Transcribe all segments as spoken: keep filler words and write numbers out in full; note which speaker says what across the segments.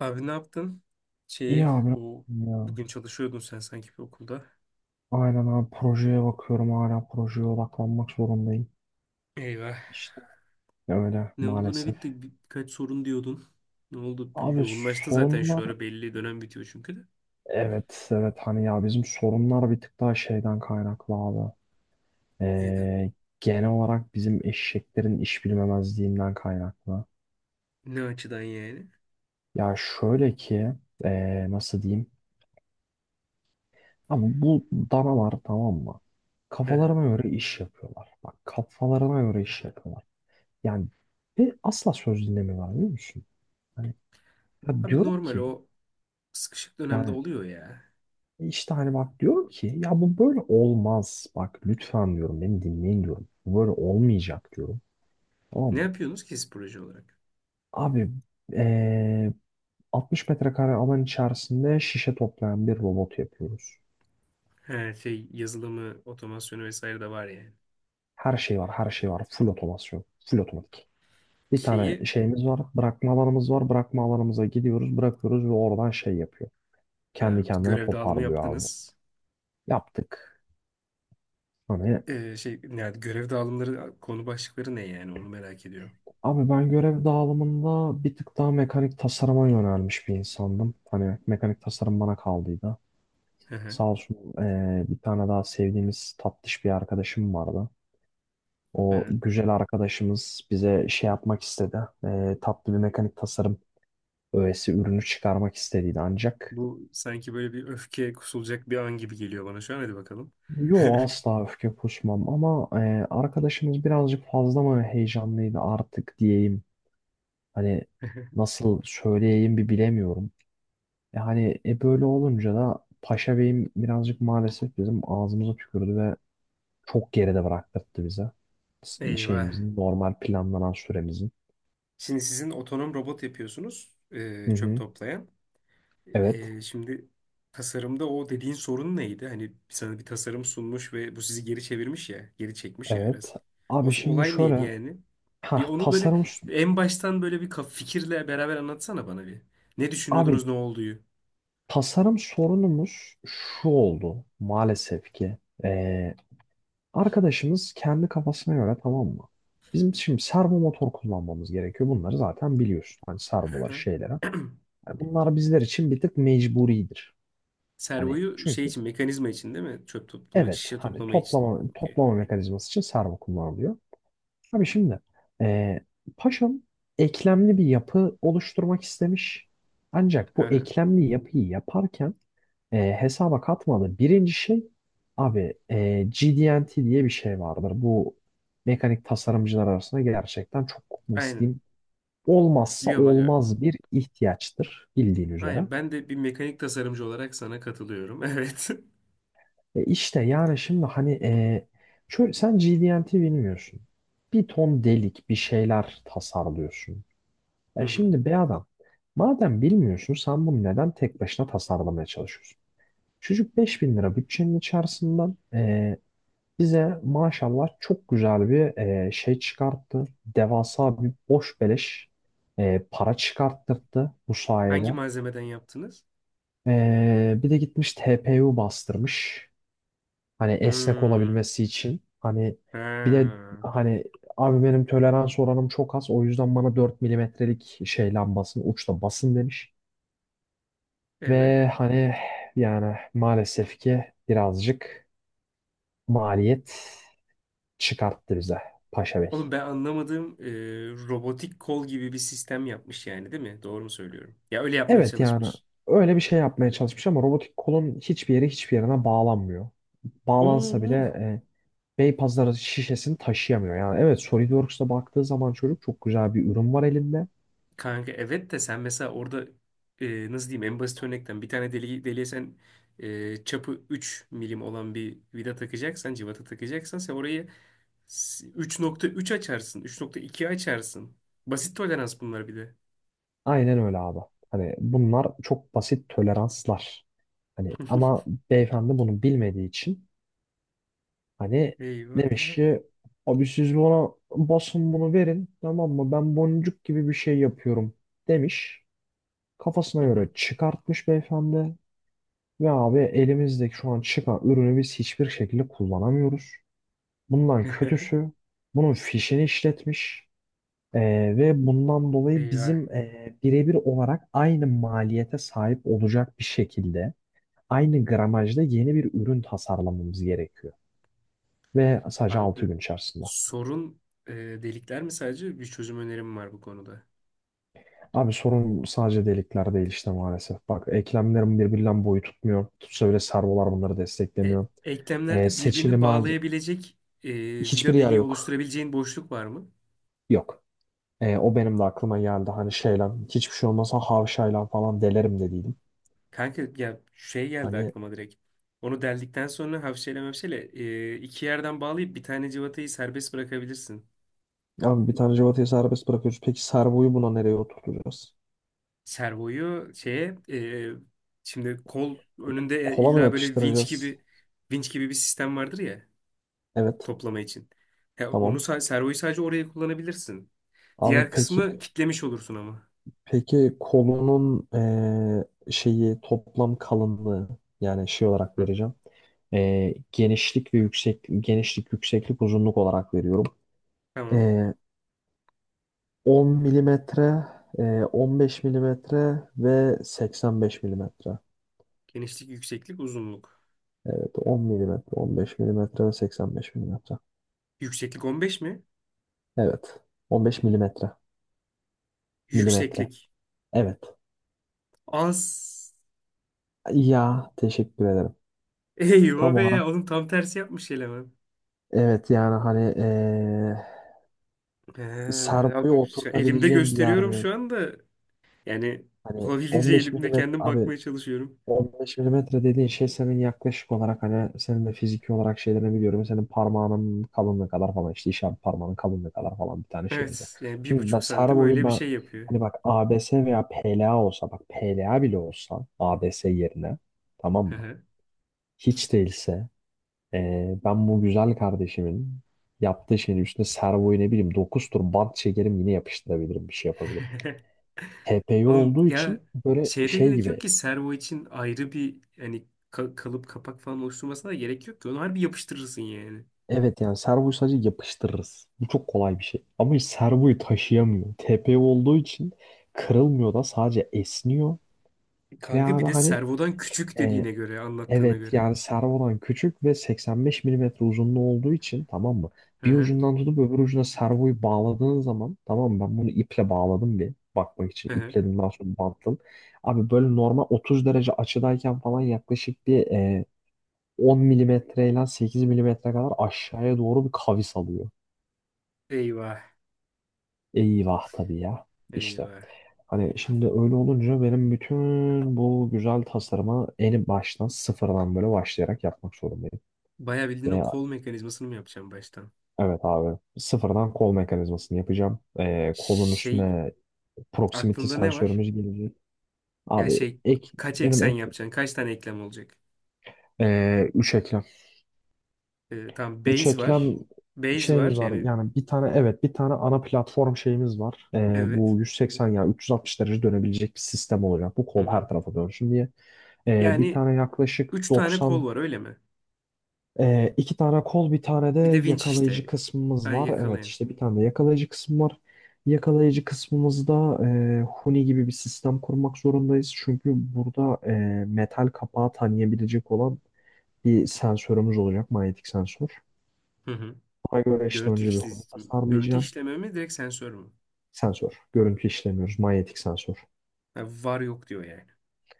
Speaker 1: Abi ne yaptın?
Speaker 2: İyi
Speaker 1: Şeyi,
Speaker 2: abi.
Speaker 1: o
Speaker 2: Ya.
Speaker 1: bugün çalışıyordun sen sanki bir okulda.
Speaker 2: Aynen abi projeye bakıyorum. Hala projeye odaklanmak zorundayım.
Speaker 1: Eyvah.
Speaker 2: İşte öyle
Speaker 1: Ne oldu ne
Speaker 2: maalesef.
Speaker 1: bitti? Birkaç sorun diyordun. Ne oldu?
Speaker 2: Abi
Speaker 1: Yoğunlaştın zaten şu
Speaker 2: sorunlar
Speaker 1: ara belli, dönem bitiyor çünkü de.
Speaker 2: evet evet hani ya bizim sorunlar bir tık daha şeyden kaynaklı abi.
Speaker 1: Neyden?
Speaker 2: Ee, Genel olarak bizim eşeklerin iş bilmemezliğinden kaynaklı.
Speaker 1: Ne açıdan yani?
Speaker 2: Ya şöyle ki ee, nasıl diyeyim? Abi bu danalar tamam mı?
Speaker 1: Hı hı.
Speaker 2: Kafalarına göre iş yapıyorlar. Bak kafalarına göre iş yapıyorlar. Yani ve asla söz dinlemiyorlar, biliyor musun? Hani, ya
Speaker 1: Abi
Speaker 2: diyorum
Speaker 1: normal
Speaker 2: ki,
Speaker 1: o sıkışık dönemde
Speaker 2: yani
Speaker 1: oluyor ya.
Speaker 2: e, işte hani bak diyorum ki ya bu böyle olmaz. Bak lütfen diyorum, beni dinleyin diyorum. Bu böyle olmayacak diyorum. Tamam
Speaker 1: Ne
Speaker 2: mı?
Speaker 1: yapıyorsunuz ki siz proje olarak?
Speaker 2: Abi eee altmış metrekare alan içerisinde şişe toplayan bir robot yapıyoruz.
Speaker 1: Her şey yazılımı, otomasyonu vesaire de var yani.
Speaker 2: Her şey var, her şey var. Full otomasyon, full otomatik. Bir tane
Speaker 1: Şeyi,
Speaker 2: şeyimiz var, bırakma alanımız var. Bırakma alanımıza gidiyoruz, bırakıyoruz ve oradan şey yapıyor.
Speaker 1: ha,
Speaker 2: Kendi kendine
Speaker 1: görev dağılımı
Speaker 2: toparlıyor abi.
Speaker 1: yaptınız.
Speaker 2: Yaptık. Hani.
Speaker 1: Ee, şey yani görev dağılımları konu başlıkları ne yani onu merak ediyorum.
Speaker 2: Abi ben görev dağılımında bir tık daha mekanik tasarıma yönelmiş bir insandım. Hani mekanik tasarım bana kaldıydı.
Speaker 1: Hı hı.
Speaker 2: Sağ olsun eee, bir tane daha sevdiğimiz tatlış bir arkadaşım vardı. O
Speaker 1: Ee,
Speaker 2: güzel arkadaşımız bize şey yapmak istedi. Eee, tatlı bir mekanik tasarım öğesi, ürünü çıkarmak istediydi ancak.
Speaker 1: Bu sanki böyle bir öfke kusulacak bir an gibi geliyor bana şu an. Hadi bakalım.
Speaker 2: Yo, asla öfke kusmam ama eee, arkadaşımız birazcık fazla mı heyecanlıydı artık diyeyim. Hani nasıl söyleyeyim bir bilemiyorum. E hani e böyle olunca da Paşa Bey'im birazcık maalesef bizim ağzımıza tükürdü ve çok geride bıraktırdı bize. S-
Speaker 1: Eyvah.
Speaker 2: Şeyimizin, normal planlanan süremizin.
Speaker 1: Şimdi sizin otonom robot yapıyorsunuz, e,
Speaker 2: Hı
Speaker 1: çöp
Speaker 2: hı.
Speaker 1: toplayan.
Speaker 2: Evet,
Speaker 1: E, şimdi tasarımda o dediğin sorun neydi? Hani sana bir tasarım sunmuş ve bu sizi geri çevirmiş ya, geri çekmiş ya
Speaker 2: evet.
Speaker 1: biraz. O
Speaker 2: Abi
Speaker 1: s-
Speaker 2: şimdi
Speaker 1: olay neydi
Speaker 2: şöyle,
Speaker 1: yani? Bir
Speaker 2: ha
Speaker 1: onu böyle
Speaker 2: tasarım,
Speaker 1: en baştan böyle bir kaf- fikirle beraber anlatsana bana bir. Ne
Speaker 2: abi
Speaker 1: düşünüyordunuz, ne olduğu?
Speaker 2: tasarım sorunumuz şu oldu maalesef ki. Ee, Arkadaşımız kendi kafasına göre, tamam mı? Bizim şimdi servo motor kullanmamız gerekiyor. Bunları zaten biliyorsun. Hani servoları şeylere. Yani bunlar bizler için bir tık mecburidir. Hani
Speaker 1: Servoyu şey
Speaker 2: çünkü
Speaker 1: için, mekanizma için değil mi? Çöp toplama,
Speaker 2: evet
Speaker 1: şişe
Speaker 2: hani
Speaker 1: toplama için.
Speaker 2: toplama
Speaker 1: Okey.
Speaker 2: toplama mekanizması için servo kullanılıyor. Abi şimdi e, Paşam eklemli bir yapı oluşturmak istemiş. Ancak
Speaker 1: Hı
Speaker 2: bu
Speaker 1: hı.
Speaker 2: eklemli yapıyı yaparken e, hesaba katmadığı birinci şey, abi e, G D ve T diye bir şey vardır. Bu mekanik tasarımcılar arasında gerçekten çok, nasıl
Speaker 1: Aynen.
Speaker 2: diyeyim, olmazsa
Speaker 1: Biliyorum aga.
Speaker 2: olmaz bir ihtiyaçtır bildiğin üzere.
Speaker 1: Aynen. Ben de bir mekanik tasarımcı olarak sana katılıyorum. Evet.
Speaker 2: E işte yani şimdi hani e, şöyle, sen G D N T bilmiyorsun. Bir ton delik bir şeyler tasarlıyorsun.
Speaker 1: Hı
Speaker 2: E
Speaker 1: hı.
Speaker 2: şimdi be adam, madem bilmiyorsun sen bunu neden tek başına tasarlamaya çalışıyorsun? Çocuk beş bin lira bütçenin içerisinden e, bize maşallah çok güzel bir e, şey çıkarttı. Devasa bir boş beleş e, para çıkarttırdı bu
Speaker 1: Hangi
Speaker 2: sayede.
Speaker 1: malzemeden yaptınız?
Speaker 2: E, bir de gitmiş T P U bastırmış. Hani esnek
Speaker 1: Hmm.
Speaker 2: olabilmesi için. Hani bir de
Speaker 1: Ha.
Speaker 2: hani abi benim tolerans oranım çok az. O yüzden bana dört milimetrelik şey lambasını uçla basın demiş.
Speaker 1: Evet.
Speaker 2: Ve hani yani maalesef ki birazcık maliyet çıkarttı bize Paşa Bey.
Speaker 1: Oğlum ben anlamadığım, e, robotik kol gibi bir sistem yapmış yani değil mi? Doğru mu söylüyorum? Ya öyle yapmaya
Speaker 2: Evet yani
Speaker 1: çalışmış.
Speaker 2: öyle bir şey yapmaya çalışmış ama robotik kolun hiçbir yeri hiçbir yerine bağlanmıyor. Bağlansa
Speaker 1: Oo,
Speaker 2: bile e, Beypazarı şişesini taşıyamıyor. Yani evet, SolidWorks'a baktığı zaman çocuk çok güzel bir ürün var elinde.
Speaker 1: kanka evet de sen mesela orada, e, nasıl diyeyim, en basit örnekten bir tane deli-, deliğe sen, e, çapı üç milim olan bir vida takacaksan, civata takacaksan sen orayı s- üç nokta üç açarsın, üç nokta iki açarsın. Basit tolerans bunlar bir de.
Speaker 2: Aynen öyle abi. Hani bunlar çok basit toleranslar. Hani ama beyefendi bunu bilmediği için hani demiş
Speaker 1: Eyvah.
Speaker 2: ki abi siz bana basın bunu verin, tamam mı? Ben boncuk gibi bir şey yapıyorum demiş. Kafasına
Speaker 1: Hı
Speaker 2: göre
Speaker 1: hı.
Speaker 2: çıkartmış beyefendi. Ve abi elimizdeki şu an çıkan ürünü biz hiçbir şekilde kullanamıyoruz. Bundan kötüsü bunun fişini işletmiş. Ee, Ve bundan dolayı
Speaker 1: Eyvah.
Speaker 2: bizim e, birebir olarak aynı maliyete sahip olacak bir şekilde, aynı gramajda yeni bir ürün tasarlamamız gerekiyor. Ve sadece altı
Speaker 1: Abi
Speaker 2: gün içerisinde.
Speaker 1: sorun, e, delikler mi? Sadece bir çözüm önerim var bu konuda.
Speaker 2: Abi sorun sadece delikler değil işte maalesef. Bak eklemlerim birbirinden boyu tutmuyor. Tutsa bile servolar bunları
Speaker 1: E,
Speaker 2: desteklemiyor. Ee,
Speaker 1: eklemlerde
Speaker 2: seçili
Speaker 1: birbirini
Speaker 2: mal-
Speaker 1: bağlayabilecek, e,
Speaker 2: hiçbir
Speaker 1: vida
Speaker 2: yer
Speaker 1: deliği
Speaker 2: yok.
Speaker 1: oluşturabileceğin boşluk var mı?
Speaker 2: Yok. Ee, o benim de aklıma geldi. Hani şeyle, hiçbir şey olmasa havşayla falan delerim dediydim.
Speaker 1: Kanka ya şey geldi
Speaker 2: Hani.
Speaker 1: aklıma direkt. Onu deldikten sonra hafşeyle mafşeyle, e, iki yerden bağlayıp bir tane civatayı serbest bırakabilirsin.
Speaker 2: Abi bir tane Cevata'yı serbest bırakıyoruz. Peki Servo'yu buna nereye oturtacağız?
Speaker 1: Servoyu şeye, e, şimdi kol önünde
Speaker 2: Kola mı
Speaker 1: illa böyle vinç
Speaker 2: yapıştıracağız?
Speaker 1: gibi, vinç gibi bir sistem vardır ya,
Speaker 2: Evet.
Speaker 1: toplama için. Ya onu
Speaker 2: Tamam.
Speaker 1: sa- servoyu sadece oraya kullanabilirsin.
Speaker 2: Abi
Speaker 1: Diğer
Speaker 2: peki,
Speaker 1: kısmı kitlemiş olursun ama.
Speaker 2: peki kolunun eee, şeyi, toplam kalınlığı, yani şey olarak
Speaker 1: Hı,
Speaker 2: vereceğim. Eee, genişlik ve yüksek genişlik, yükseklik, uzunluk olarak veriyorum.
Speaker 1: tamam.
Speaker 2: Eee, on milimetre, eee, on beş milimetre ve seksen beş milimetre.
Speaker 1: Genişlik, yükseklik, uzunluk.
Speaker 2: Evet, on milimetre, on beş milimetre ve seksen beş milimetre.
Speaker 1: Yükseklik on beş mi?
Speaker 2: Evet, on beş milimetre milimetre.
Speaker 1: Yükseklik.
Speaker 2: Evet.
Speaker 1: Az.
Speaker 2: Ya teşekkür ederim.
Speaker 1: Eyvah
Speaker 2: Tam
Speaker 1: be
Speaker 2: olarak,
Speaker 1: ya. Oğlum tam tersi yapmış eleman.
Speaker 2: evet yani hani eee
Speaker 1: He,
Speaker 2: servoyu
Speaker 1: abi şu- elimde
Speaker 2: oturtabileceğim bir yerde
Speaker 1: gösteriyorum
Speaker 2: yok.
Speaker 1: şu anda. Yani
Speaker 2: Hani
Speaker 1: olabildiğince
Speaker 2: on beş
Speaker 1: elimde
Speaker 2: milimetre
Speaker 1: kendim
Speaker 2: abi,
Speaker 1: bakmaya çalışıyorum.
Speaker 2: on beş milimetre dediğin şey senin yaklaşık olarak, hani senin de fiziki olarak şeylerini biliyorum. Senin parmağının kalınlığı kadar falan, işte işaret parmağının kalınlığı kadar falan bir tane şeyimiz var.
Speaker 1: Evet yani bir
Speaker 2: Şimdi ben
Speaker 1: buçuk santim
Speaker 2: servoyu
Speaker 1: öyle bir
Speaker 2: ben
Speaker 1: şey yapıyor.
Speaker 2: hani bak, A B S veya PLA olsa, bak PLA bile olsa A B S yerine, tamam
Speaker 1: Hı
Speaker 2: mı?
Speaker 1: hı.
Speaker 2: Hiç değilse Ee, ben bu güzel kardeşimin yaptığı şeyin üstüne servoyu ne bileyim dokuz tur bant çekerim, yine yapıştırabilirim, bir şey yapabilirim. T P U
Speaker 1: Oğlum
Speaker 2: olduğu için
Speaker 1: ya,
Speaker 2: böyle
Speaker 1: şeyde
Speaker 2: şey
Speaker 1: gerek
Speaker 2: gibi,
Speaker 1: yok ki, servo için ayrı bir hani ka- kalıp kapak falan oluşturmasına da gerek yok ki. Onu harbi yapıştırırsın yani.
Speaker 2: evet yani servoyu sadece yapıştırırız. Bu çok kolay bir şey. Ama hiç servoyu taşıyamıyor. T P U olduğu için kırılmıyor da sadece esniyor. Ve
Speaker 1: Kanka bir
Speaker 2: abi
Speaker 1: de
Speaker 2: hani.
Speaker 1: servodan küçük dediğine göre, anlattığına
Speaker 2: Evet
Speaker 1: göre.
Speaker 2: yani servodan küçük ve seksen beş milimetre uzunluğu olduğu için, tamam mı?
Speaker 1: Hı
Speaker 2: Bir
Speaker 1: hı.
Speaker 2: ucundan tutup öbür ucuna servoyu bağladığın zaman, tamam mı? Ben bunu iple bağladım, bir bakmak için
Speaker 1: Hı hı.
Speaker 2: ipledim, daha sonra bantladım. Abi böyle normal otuz derece açıdayken falan yaklaşık bir e, on milimetreyle sekiz milimetre kadar aşağıya doğru bir kavis alıyor.
Speaker 1: Eyvah.
Speaker 2: Eyvah tabii ya, işte.
Speaker 1: Eyvah.
Speaker 2: Hani şimdi öyle olunca benim bütün bu güzel tasarımı en baştan sıfırdan böyle başlayarak yapmak zorundayım.
Speaker 1: Bayağı bildiğin o
Speaker 2: Ve
Speaker 1: kol mekanizmasını mı yapacağım baştan?
Speaker 2: evet abi. Sıfırdan kol mekanizmasını yapacağım. Ee, kolun
Speaker 1: Şey,
Speaker 2: üstüne proximity
Speaker 1: aklında ne var?
Speaker 2: sensörümüz gelecek.
Speaker 1: Ya
Speaker 2: Abi
Speaker 1: şey,
Speaker 2: ek,
Speaker 1: kaç
Speaker 2: benim
Speaker 1: eksen
Speaker 2: ek,
Speaker 1: yapacaksın? Kaç tane eklem olacak?
Speaker 2: ee, üç eklem.
Speaker 1: Ee, tamam,
Speaker 2: Üç
Speaker 1: base
Speaker 2: eklem
Speaker 1: var. Base var
Speaker 2: şeyimiz var.
Speaker 1: yani,
Speaker 2: Yani bir tane, evet, bir tane ana platform şeyimiz var. Ee,
Speaker 1: evet.
Speaker 2: bu yüz seksen, yani üç yüz altmış derece dönebilecek bir sistem olacak. Bu
Speaker 1: Hı
Speaker 2: kol
Speaker 1: hı.
Speaker 2: her tarafa dönsün diye. Ee, bir
Speaker 1: Yani
Speaker 2: tane yaklaşık
Speaker 1: üç tane kol
Speaker 2: doksan.
Speaker 1: var öyle mi?
Speaker 2: Ee, iki tane kol, bir tane de
Speaker 1: Bir de winch
Speaker 2: yakalayıcı
Speaker 1: işte.
Speaker 2: kısmımız
Speaker 1: Ben
Speaker 2: var. Evet
Speaker 1: yakalayın.
Speaker 2: işte bir tane de yakalayıcı kısmı var. Yakalayıcı kısmımızda e, huni gibi bir sistem kurmak zorundayız. Çünkü burada e, metal kapağı tanıyabilecek olan bir sensörümüz olacak. Manyetik sensör.
Speaker 1: Hı hı.
Speaker 2: Buna göre işte
Speaker 1: Görüntü
Speaker 2: önce bir
Speaker 1: işle-
Speaker 2: huni
Speaker 1: görüntü
Speaker 2: tasarlayacağım.
Speaker 1: işleme mi direkt sensör mü?
Speaker 2: Sensör. Görüntü işlemiyoruz. Manyetik sensör.
Speaker 1: Ha, var yok diyor yani.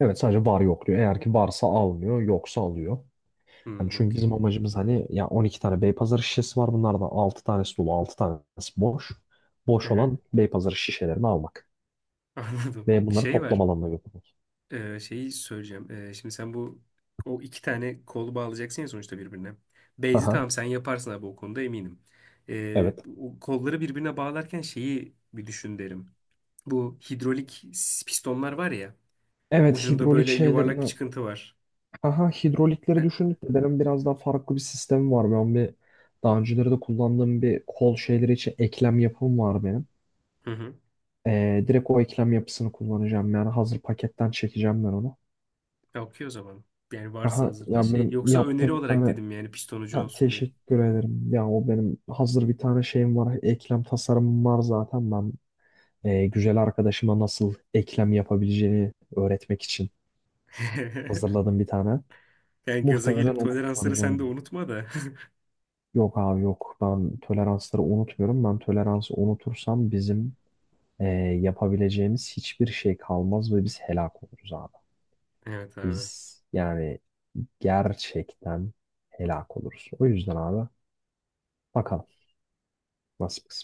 Speaker 2: Evet, sadece var yok diyor. Eğer ki varsa almıyor, yoksa alıyor. Hani
Speaker 1: Hı,
Speaker 2: çünkü
Speaker 1: okey.
Speaker 2: bizim amacımız, hani ya on iki tane Beypazarı şişesi var. Bunlardan altı tanesi dolu, altı tanesi boş.
Speaker 1: Hı
Speaker 2: Boş
Speaker 1: hı.
Speaker 2: olan Beypazarı şişelerini almak
Speaker 1: Anladım.
Speaker 2: ve bunları
Speaker 1: Şey
Speaker 2: toplam
Speaker 1: var.
Speaker 2: alanına götürmek.
Speaker 1: Ee, şeyi söyleyeceğim. Ee, şimdi sen bu o iki tane kolu bağlayacaksın ya sonuçta birbirine. Beyzi tamam,
Speaker 2: Aha,
Speaker 1: sen yaparsın abi o konuda eminim. Ee,
Speaker 2: evet.
Speaker 1: o kolları birbirine bağlarken şeyi bir düşün derim. Bu hidrolik s- pistonlar var ya.
Speaker 2: Evet,
Speaker 1: Ucunda
Speaker 2: hidrolik
Speaker 1: böyle yuvarlak bir
Speaker 2: şeylerini,
Speaker 1: çıkıntı var.
Speaker 2: aha
Speaker 1: He.
Speaker 2: hidrolikleri düşündük de benim biraz daha farklı bir sistemim var. Ben bir Daha önceleri de kullandığım bir kol şeyleri için eklem yapım var benim.
Speaker 1: Hı hı.
Speaker 2: Ee, direkt o eklem yapısını kullanacağım, yani hazır paketten çekeceğim ben onu.
Speaker 1: Ya, okey o zaman. Yani varsa
Speaker 2: Aha
Speaker 1: hazırda
Speaker 2: ya,
Speaker 1: şey.
Speaker 2: benim
Speaker 1: Yoksa öneri
Speaker 2: yaptığım bir
Speaker 1: olarak
Speaker 2: tane.
Speaker 1: dedim yani pistonucu
Speaker 2: Ha,
Speaker 1: olsun diye.
Speaker 2: teşekkür ederim. Ya o benim hazır bir tane şeyim var. Eklem tasarımım var zaten. Ben e, güzel arkadaşıma nasıl eklem yapabileceğini öğretmek için hazırladım bir tane.
Speaker 1: Yani gaza
Speaker 2: Muhtemelen
Speaker 1: gelip
Speaker 2: onu
Speaker 1: toleransları sen de
Speaker 2: kullanacağım.
Speaker 1: unutma da.
Speaker 2: Yok abi yok. Ben toleransları unutmuyorum. Ben toleransı unutursam bizim e, yapabileceğimiz hiçbir şey kalmaz ve biz helak oluruz abi.
Speaker 1: Evet abi.
Speaker 2: Biz yani gerçekten helak oluruz. O yüzden abi, bakalım nasıl kısmet.